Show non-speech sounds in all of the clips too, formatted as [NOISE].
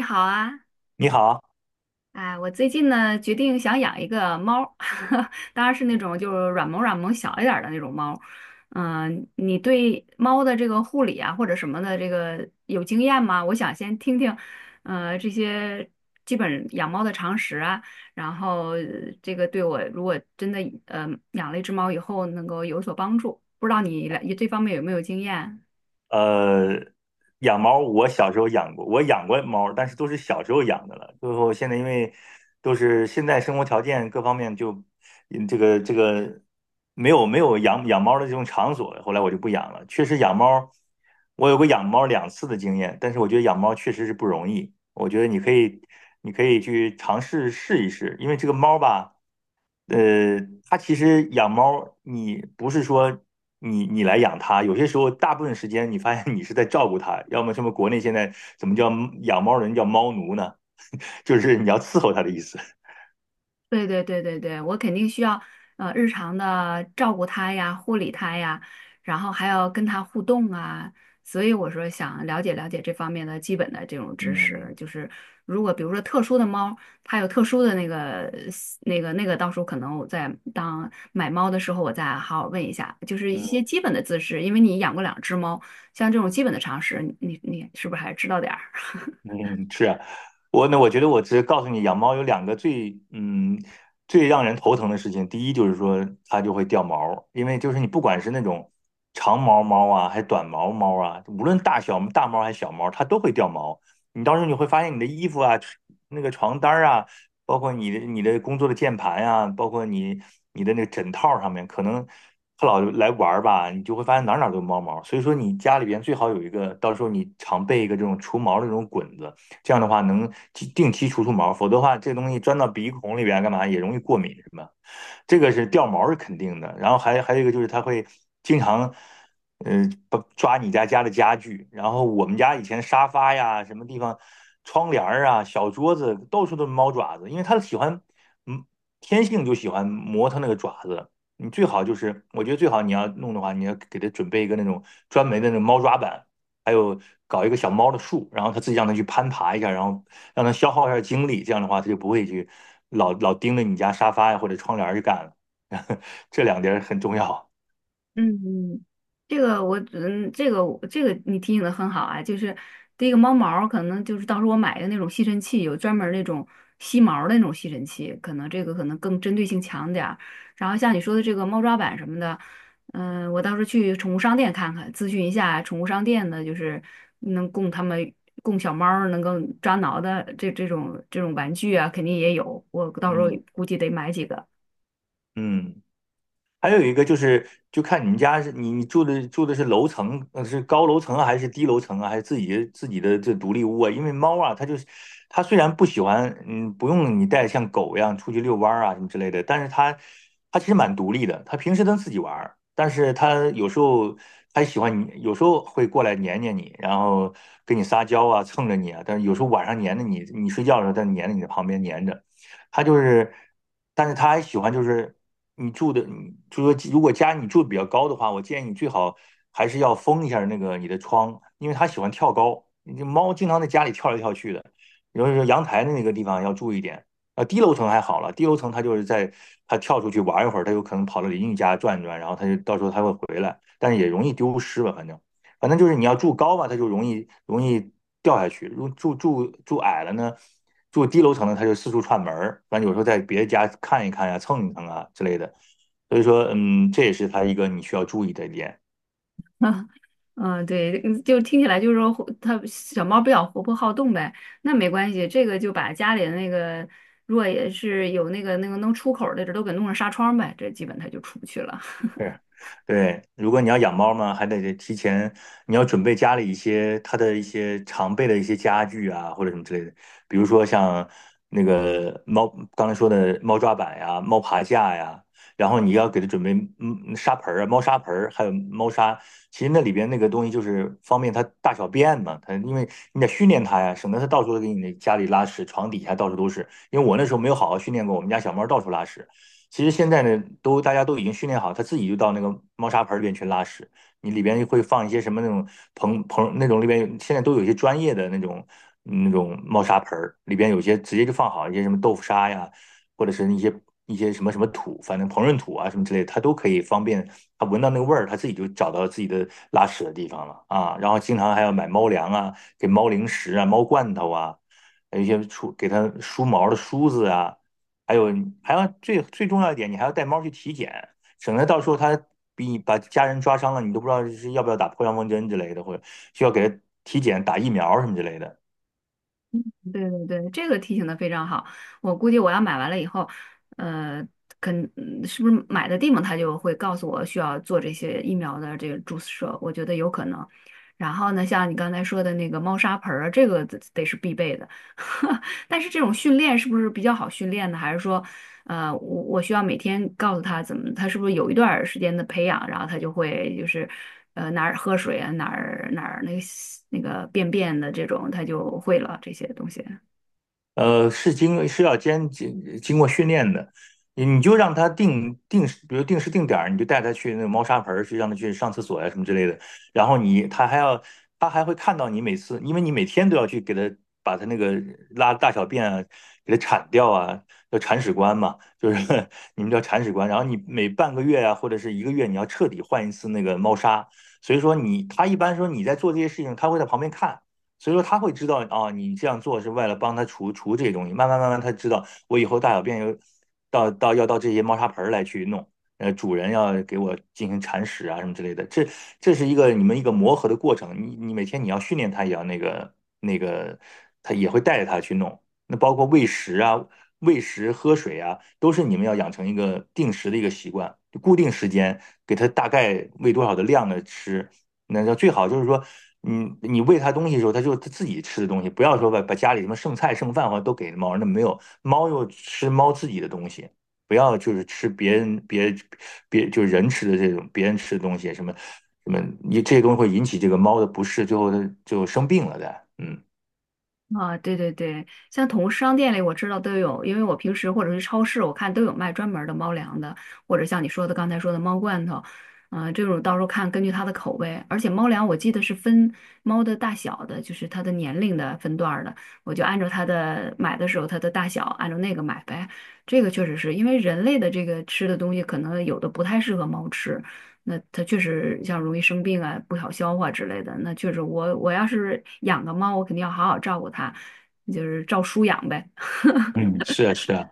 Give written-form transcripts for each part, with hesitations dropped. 你好啊。你好，哎，我最近呢决定想养一个猫儿，[LAUGHS] 当然是那种就是软萌软萌小一点儿的那种猫儿。嗯，你对猫的这个护理啊或者什么的这个有经验吗？我想先听听，这些基本养猫的常识啊。然后这个对我如果真的呃养了一只猫以后能够有所帮助，不知道你来这方面有没有经验？呃，养猫我小时候养过，我养过猫，但是都是小时候养的了。最后现在因为都是现在生活条件各方面就，这个没有养猫的这种场所，后来我就不养了。确实养猫，我有过养猫两次的经验，但是我觉得养猫确实是不容易。我觉得你可以去尝试试一试，因为这个猫吧。呃，它其实养猫，你不是说你来养它，有些时候大部分时间你发现你是在照顾它，要么什么国内现在怎么叫养猫人叫猫奴呢？[LAUGHS] 就是你要伺候它的意思。对对对对对，我肯定需要日常的照顾它呀、护理它呀，然后还要跟它互动啊。所以我说想了解了解这方面的基本的这种知识，嗯就是如果比如说特殊的猫，它有特殊的那个那个那个，到时候可能我在当买猫的时候，我再好好问一下，就是一嗯，些基本的姿势，因为你养过两只猫，像这种基本的常识，你是不是还知道点儿？嗯，是啊，我呢，我觉得我只是告诉你，养猫有两个最让人头疼的事情。第一就是说它就会掉毛，因为就是你不管是那种长毛猫啊，还短毛猫啊，无论大小大猫还是小猫，它都会掉毛。你到时候你会发现你的衣服啊、那个床单儿啊，包括你的工作的键盘呀，包括你的那个枕套上面，可能它老来玩儿吧，你就会发现哪儿哪儿都有猫毛。所以说，你家里边最好有一个，到时候你常备一个这种除毛的这种滚子，这样的话能定期除除毛，否则的话，这东西钻到鼻孔里边干嘛也容易过敏什么。这个是掉毛是肯定的。然后还有一个就是它会经常，把抓你家的家具。然后我们家以前沙发呀、什么地方、窗帘儿啊、小桌子到处都是猫爪子，因为它喜欢，嗯，天性就喜欢磨它那个爪子。你最好就是，我觉得最好你要弄的话，你要给它准备一个那种专门的那种猫抓板，还有搞一个小猫的树，然后它自己让它去攀爬一下，然后让他消耗一下精力，这样的话他就不会去老盯着你家沙发呀或者窗帘儿去干了。[LAUGHS] 这两点儿很重要。嗯，嗯，这个我嗯，这个我这个你提醒的很好啊，就是第一个猫毛儿可能就是到时候我买的那种吸尘器，有专门儿那种吸毛儿的那种吸尘器，可能这个可能更针对性强点儿。然后像你说的这个猫抓板什么的，嗯、我到时候去宠物商店看看，咨询一下宠物商店的，就是能供它们供小猫儿能够抓挠的这种玩具啊，肯定也有，我到时候嗯估计得买几个。嗯。还有一个就是，就看你们家是你住的是楼层，是高楼层啊，还是低楼层啊，还是自己的这独立屋啊？因为猫啊，它就是它虽然不喜欢，不用你带像狗一样出去遛弯儿啊什么之类的，但是它其实蛮独立的，它平时能自己玩儿，但是它有时候它喜欢你，有时候会过来黏黏你，然后跟你撒娇啊，蹭着你啊，但是有时候晚上黏着你，你睡觉的时候它黏着你的旁边黏着，他就是，但是他还喜欢就是你住的，你就说如果家你住的比较高的话，我建议你最好还是要封一下那个你的窗，因为它喜欢跳高，你这猫经常在家里跳来跳去的，尤其是阳台的那个地方要注意一点。啊，低楼层还好了，低楼层它就是在它跳出去玩一会儿，它有可能跑到邻居家转一转，然后它就到时候它会回来，但是也容易丢失吧，反正。反正就是你要住高嘛，它就容易掉下去；如住住住矮了呢，住低楼层的它就四处串门儿，反正有时候在别的家看一看呀、蹭一蹭啊之类的。所以说，这也是它一个你需要注意的点。嗯，对，嗯就听起来就是说活，它小猫比较活泼好动呗，那没关系，这个就把家里的那个，如果也是有那个能出口儿的，这都给弄上纱窗呗，这基本它就出不去了。是，对，如果你要养猫呢，还得提前，你要准备家里一些它的一些常备的一些家具啊，或者什么之类的，比如说像那个猫刚才说的猫抓板呀、猫爬架呀，然后你要给它准备沙盆儿啊、猫砂盆儿，还有猫砂。其实那里边那个东西就是方便它大小便嘛，它因为你得训练它呀，省得它到处都给你那家里拉屎，床底下到处都是。因为我那时候没有好好训练过，我们家小猫到处拉屎。其实现在呢，都大家都已经训练好，它自己就到那个猫砂盆里边去拉屎。你里边会放一些什么那种那种里边现在都有一些专业的那种猫砂盆儿，里边有些直接就放好一些什么豆腐砂呀，或者是一些什么什么土，反正膨润土啊什么之类的它都可以方便它闻到那个味儿，它自己就找到自己的拉屎的地方了啊。然后经常还要买猫粮啊，给猫零食啊，猫罐头啊，还有一些给它梳毛的梳子啊。还有你还要最重要一点，你还要带猫去体检，省得到时候它比你把家人抓伤了，你都不知道是要不要打破伤风针之类的，或者需要给它体检打疫苗什么之类的。对对对，这个提醒的非常好。我估计我要买完了以后，呃，是不是买的地方他就会告诉我需要做这些疫苗的这个注射，我觉得有可能。然后呢，像你刚才说的那个猫砂盆儿啊，这个得是必备的。[LAUGHS] 但是这种训练是不是比较好训练呢？还是说，我需要每天告诉他怎么，他是不是有一段儿时间的培养，然后他就会就是，哪儿喝水啊，哪儿那个那个便便的这种，他就会了这些东西。是要经过训练的，你就让他定时，比如定时定点儿，你就带他去那个猫砂盆儿去，让他去上厕所呀、什么之类的。然后你他还要他还会看到你每次，因为你每天都要去给他把他那个拉大小便啊，给他铲掉啊，叫铲屎官嘛，就是 [LAUGHS] 你们叫铲屎官。然后你每半个月啊，或者是一个月，你要彻底换一次那个猫砂。所以说你他一般说你在做这些事情，他会在旁边看。所以说他会知道啊，你这样做是为了帮他除除这些东西。慢慢慢慢，他知道我以后大小便有要到这些猫砂盆来去弄，主人要给我进行铲屎啊什么之类的。这是一个你们一个磨合的过程。你每天你要训练它，也要那个，他也会带着他去弄。那包括喂食啊、喝水啊，都是你们要养成一个定时的一个习惯，就固定时间给他大概喂多少的量的吃，那就最好就是说，你喂它东西的时候，它就它自己吃的东西，不要说把家里什么剩菜剩饭或者都给猫，那没有，猫又吃猫自己的东西，不要就是吃别人别别就是人吃的这种别人吃的东西，什么什么，你这些东西会引起这个猫的不适，最后它就生病了的。嗯，啊，对对对，像宠物商店里我知道都有，因为我平时或者是超市，我看都有卖专门儿的猫粮的，或者像你说的刚才说的猫罐头。嗯、这种到时候看根据它的口味，而且猫粮我记得是分猫的大小的，就是它的年龄的分段儿的，我就按照它的买的时候它的大小按照那个买呗。这个确实是因为人类的这个吃的东西，可能有的不太适合猫吃，那它确实像容易生病啊、不好消化之类的。那确实我，我要是养个猫，我肯定要好好照顾它，就是照书养呗。嗯，是啊，是啊。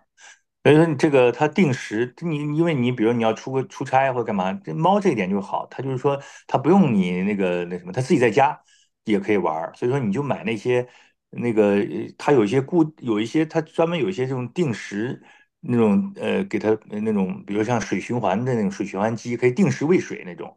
所以说你这个它定时，你因为你比如你要出差或者干嘛，这猫这一点就好，它就是说它不用你那个那什么，它自己在家也可以玩儿。所以说你就买那些那个，它有一些有一些它专门有一些这种定时那种给它那种，比如像水循环的那种水循环机，可以定时喂水那种。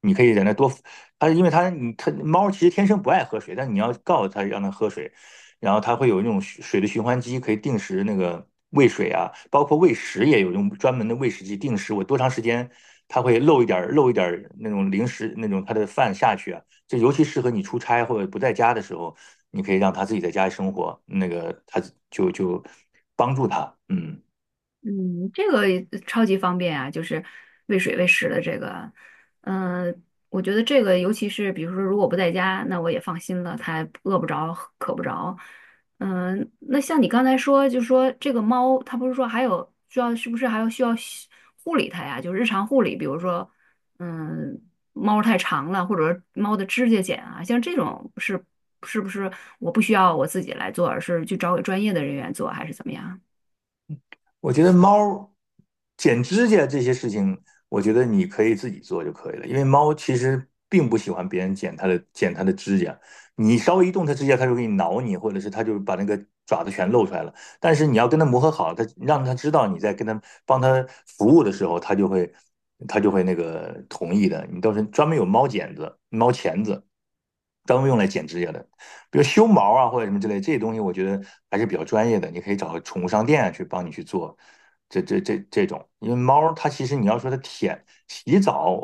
你可以在那多，它因为它你它猫其实天生不爱喝水，但你要告诉它让它喝水，然后它会有那种水的循环机，可以定时那个喂水啊，包括喂食也有用专门的喂食机定时，我多长时间它会漏一点儿那种零食那种它的饭下去啊，这尤其适合你出差或者不在家的时候，你可以让它自己在家里生活，那个它就帮助它，嗯。嗯，这个也超级方便啊，就是喂水喂食的这个，嗯、我觉得这个尤其是比如说如果不在家，那我也放心了，它饿不着，渴不着。嗯、那像你刚才说，就说这个猫，它不是说还有需要，是不是还要需要护理它呀？就是日常护理，比如说，嗯，猫太长了，或者说猫的指甲剪啊，像这种是是不是我不需要我自己来做，而是去找给专业的人员做，还是怎么样？我觉得猫剪指甲这些事情，我觉得你可以自己做就可以了，因为猫其实并不喜欢别人剪它的指甲，你稍微一动它指甲，它就给你挠你，或者是它就把那个爪子全露出来了。但是你要跟它磨合好，它让它知道你在跟它帮它服务的时候，它就会那个同意的。你到时候专门有猫剪子、猫钳子，专门用来剪指甲的。比如修毛啊或者什么之类，这些东西我觉得还是比较专业的，你可以找个宠物商店啊去帮你去做这种，因为猫它其实你要说它舔洗澡，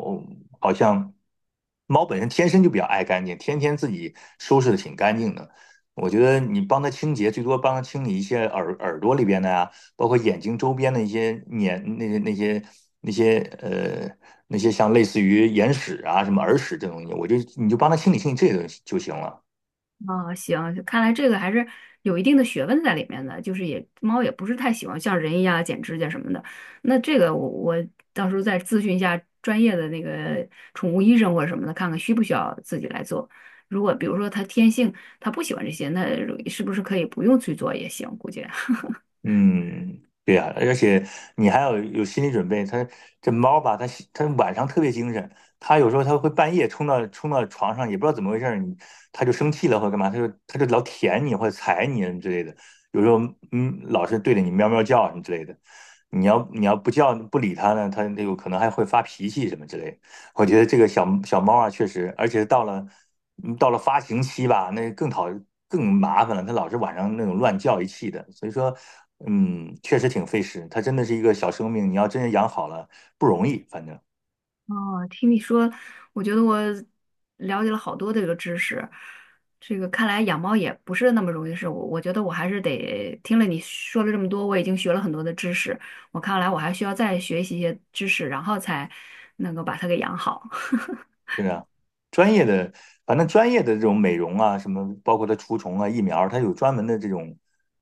好像猫本身天生就比较爱干净，天天自己收拾的挺干净的。我觉得你帮它清洁，最多帮它清理一些耳朵里边的呀、包括眼睛周边的一些粘那些呃那些像类似于眼屎啊什么耳屎这种东西，我就你就帮它清理清理这些东西就行了。啊，行，看来这个还是有一定的学问在里面的，就是也猫也不是太喜欢像人一样剪指甲什么的。那这个我到时候再咨询一下专业的那个宠物医生或者什么的，看看需不需要自己来做。如果比如说它天性它不喜欢这些，那是不是可以不用去做也行？估计。[LAUGHS] 嗯，对呀，而且你还要有心理准备。它这猫吧，它晚上特别精神，它有时候它会半夜冲到床上，也不知道怎么回事儿，你它就生气了或者干嘛，它就老舔你或者踩你之类的。有时候老是对着你喵喵叫什么之类的。你要不叫不理它呢，它有可能还会发脾气什么之类的。我觉得这个小猫啊，确实，而且到了发情期吧，那更麻烦了，它老是晚上那种乱叫一气的，所以说，确实挺费时。它真的是一个小生命，你要真是养好了不容易，反正。哦，听你说，我觉得我了解了好多这个知识。这个看来养猫也不是那么容易的事，我觉得我还是得听了你说了这么多，我已经学了很多的知识，我看来我还需要再学习一些知识，然后才能够把它给养好。[LAUGHS] 是啊，专业的，反正专业的这种美容啊，什么包括它除虫啊、疫苗，它有专门的这种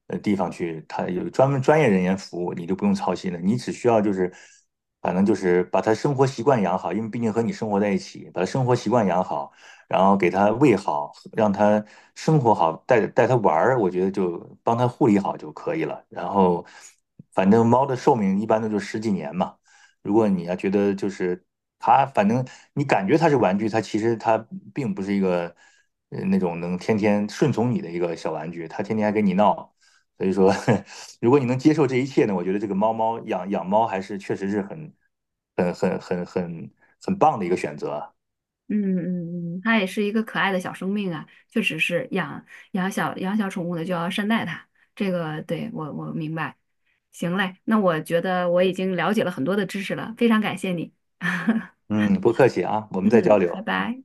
地方去，它有专门专业人员服务，你就不用操心了。你只需要就是，反正就是把它生活习惯养好，因为毕竟和你生活在一起，把它生活习惯养好，然后给它喂好，让它生活好，带带它玩儿，我觉得就帮它护理好就可以了。然后，反正猫的寿命一般都就十几年嘛。如果你要觉得就是它，反正你感觉它是玩具，它其实它并不是一个那种能天天顺从你的一个小玩具，它天天还跟你闹。所以说，[LAUGHS] 如果你能接受这一切呢，我觉得这个猫猫养养猫还是确实是很很很很很棒的一个选择。嗯嗯嗯，它也是一个可爱的小生命啊，确实是养小宠物的就要善待它，这个对我明白。行嘞，那我觉得我已经了解了很多的知识了，非常感谢你。[LAUGHS] 嗯，不客气啊，我们再交嗯，流。拜拜。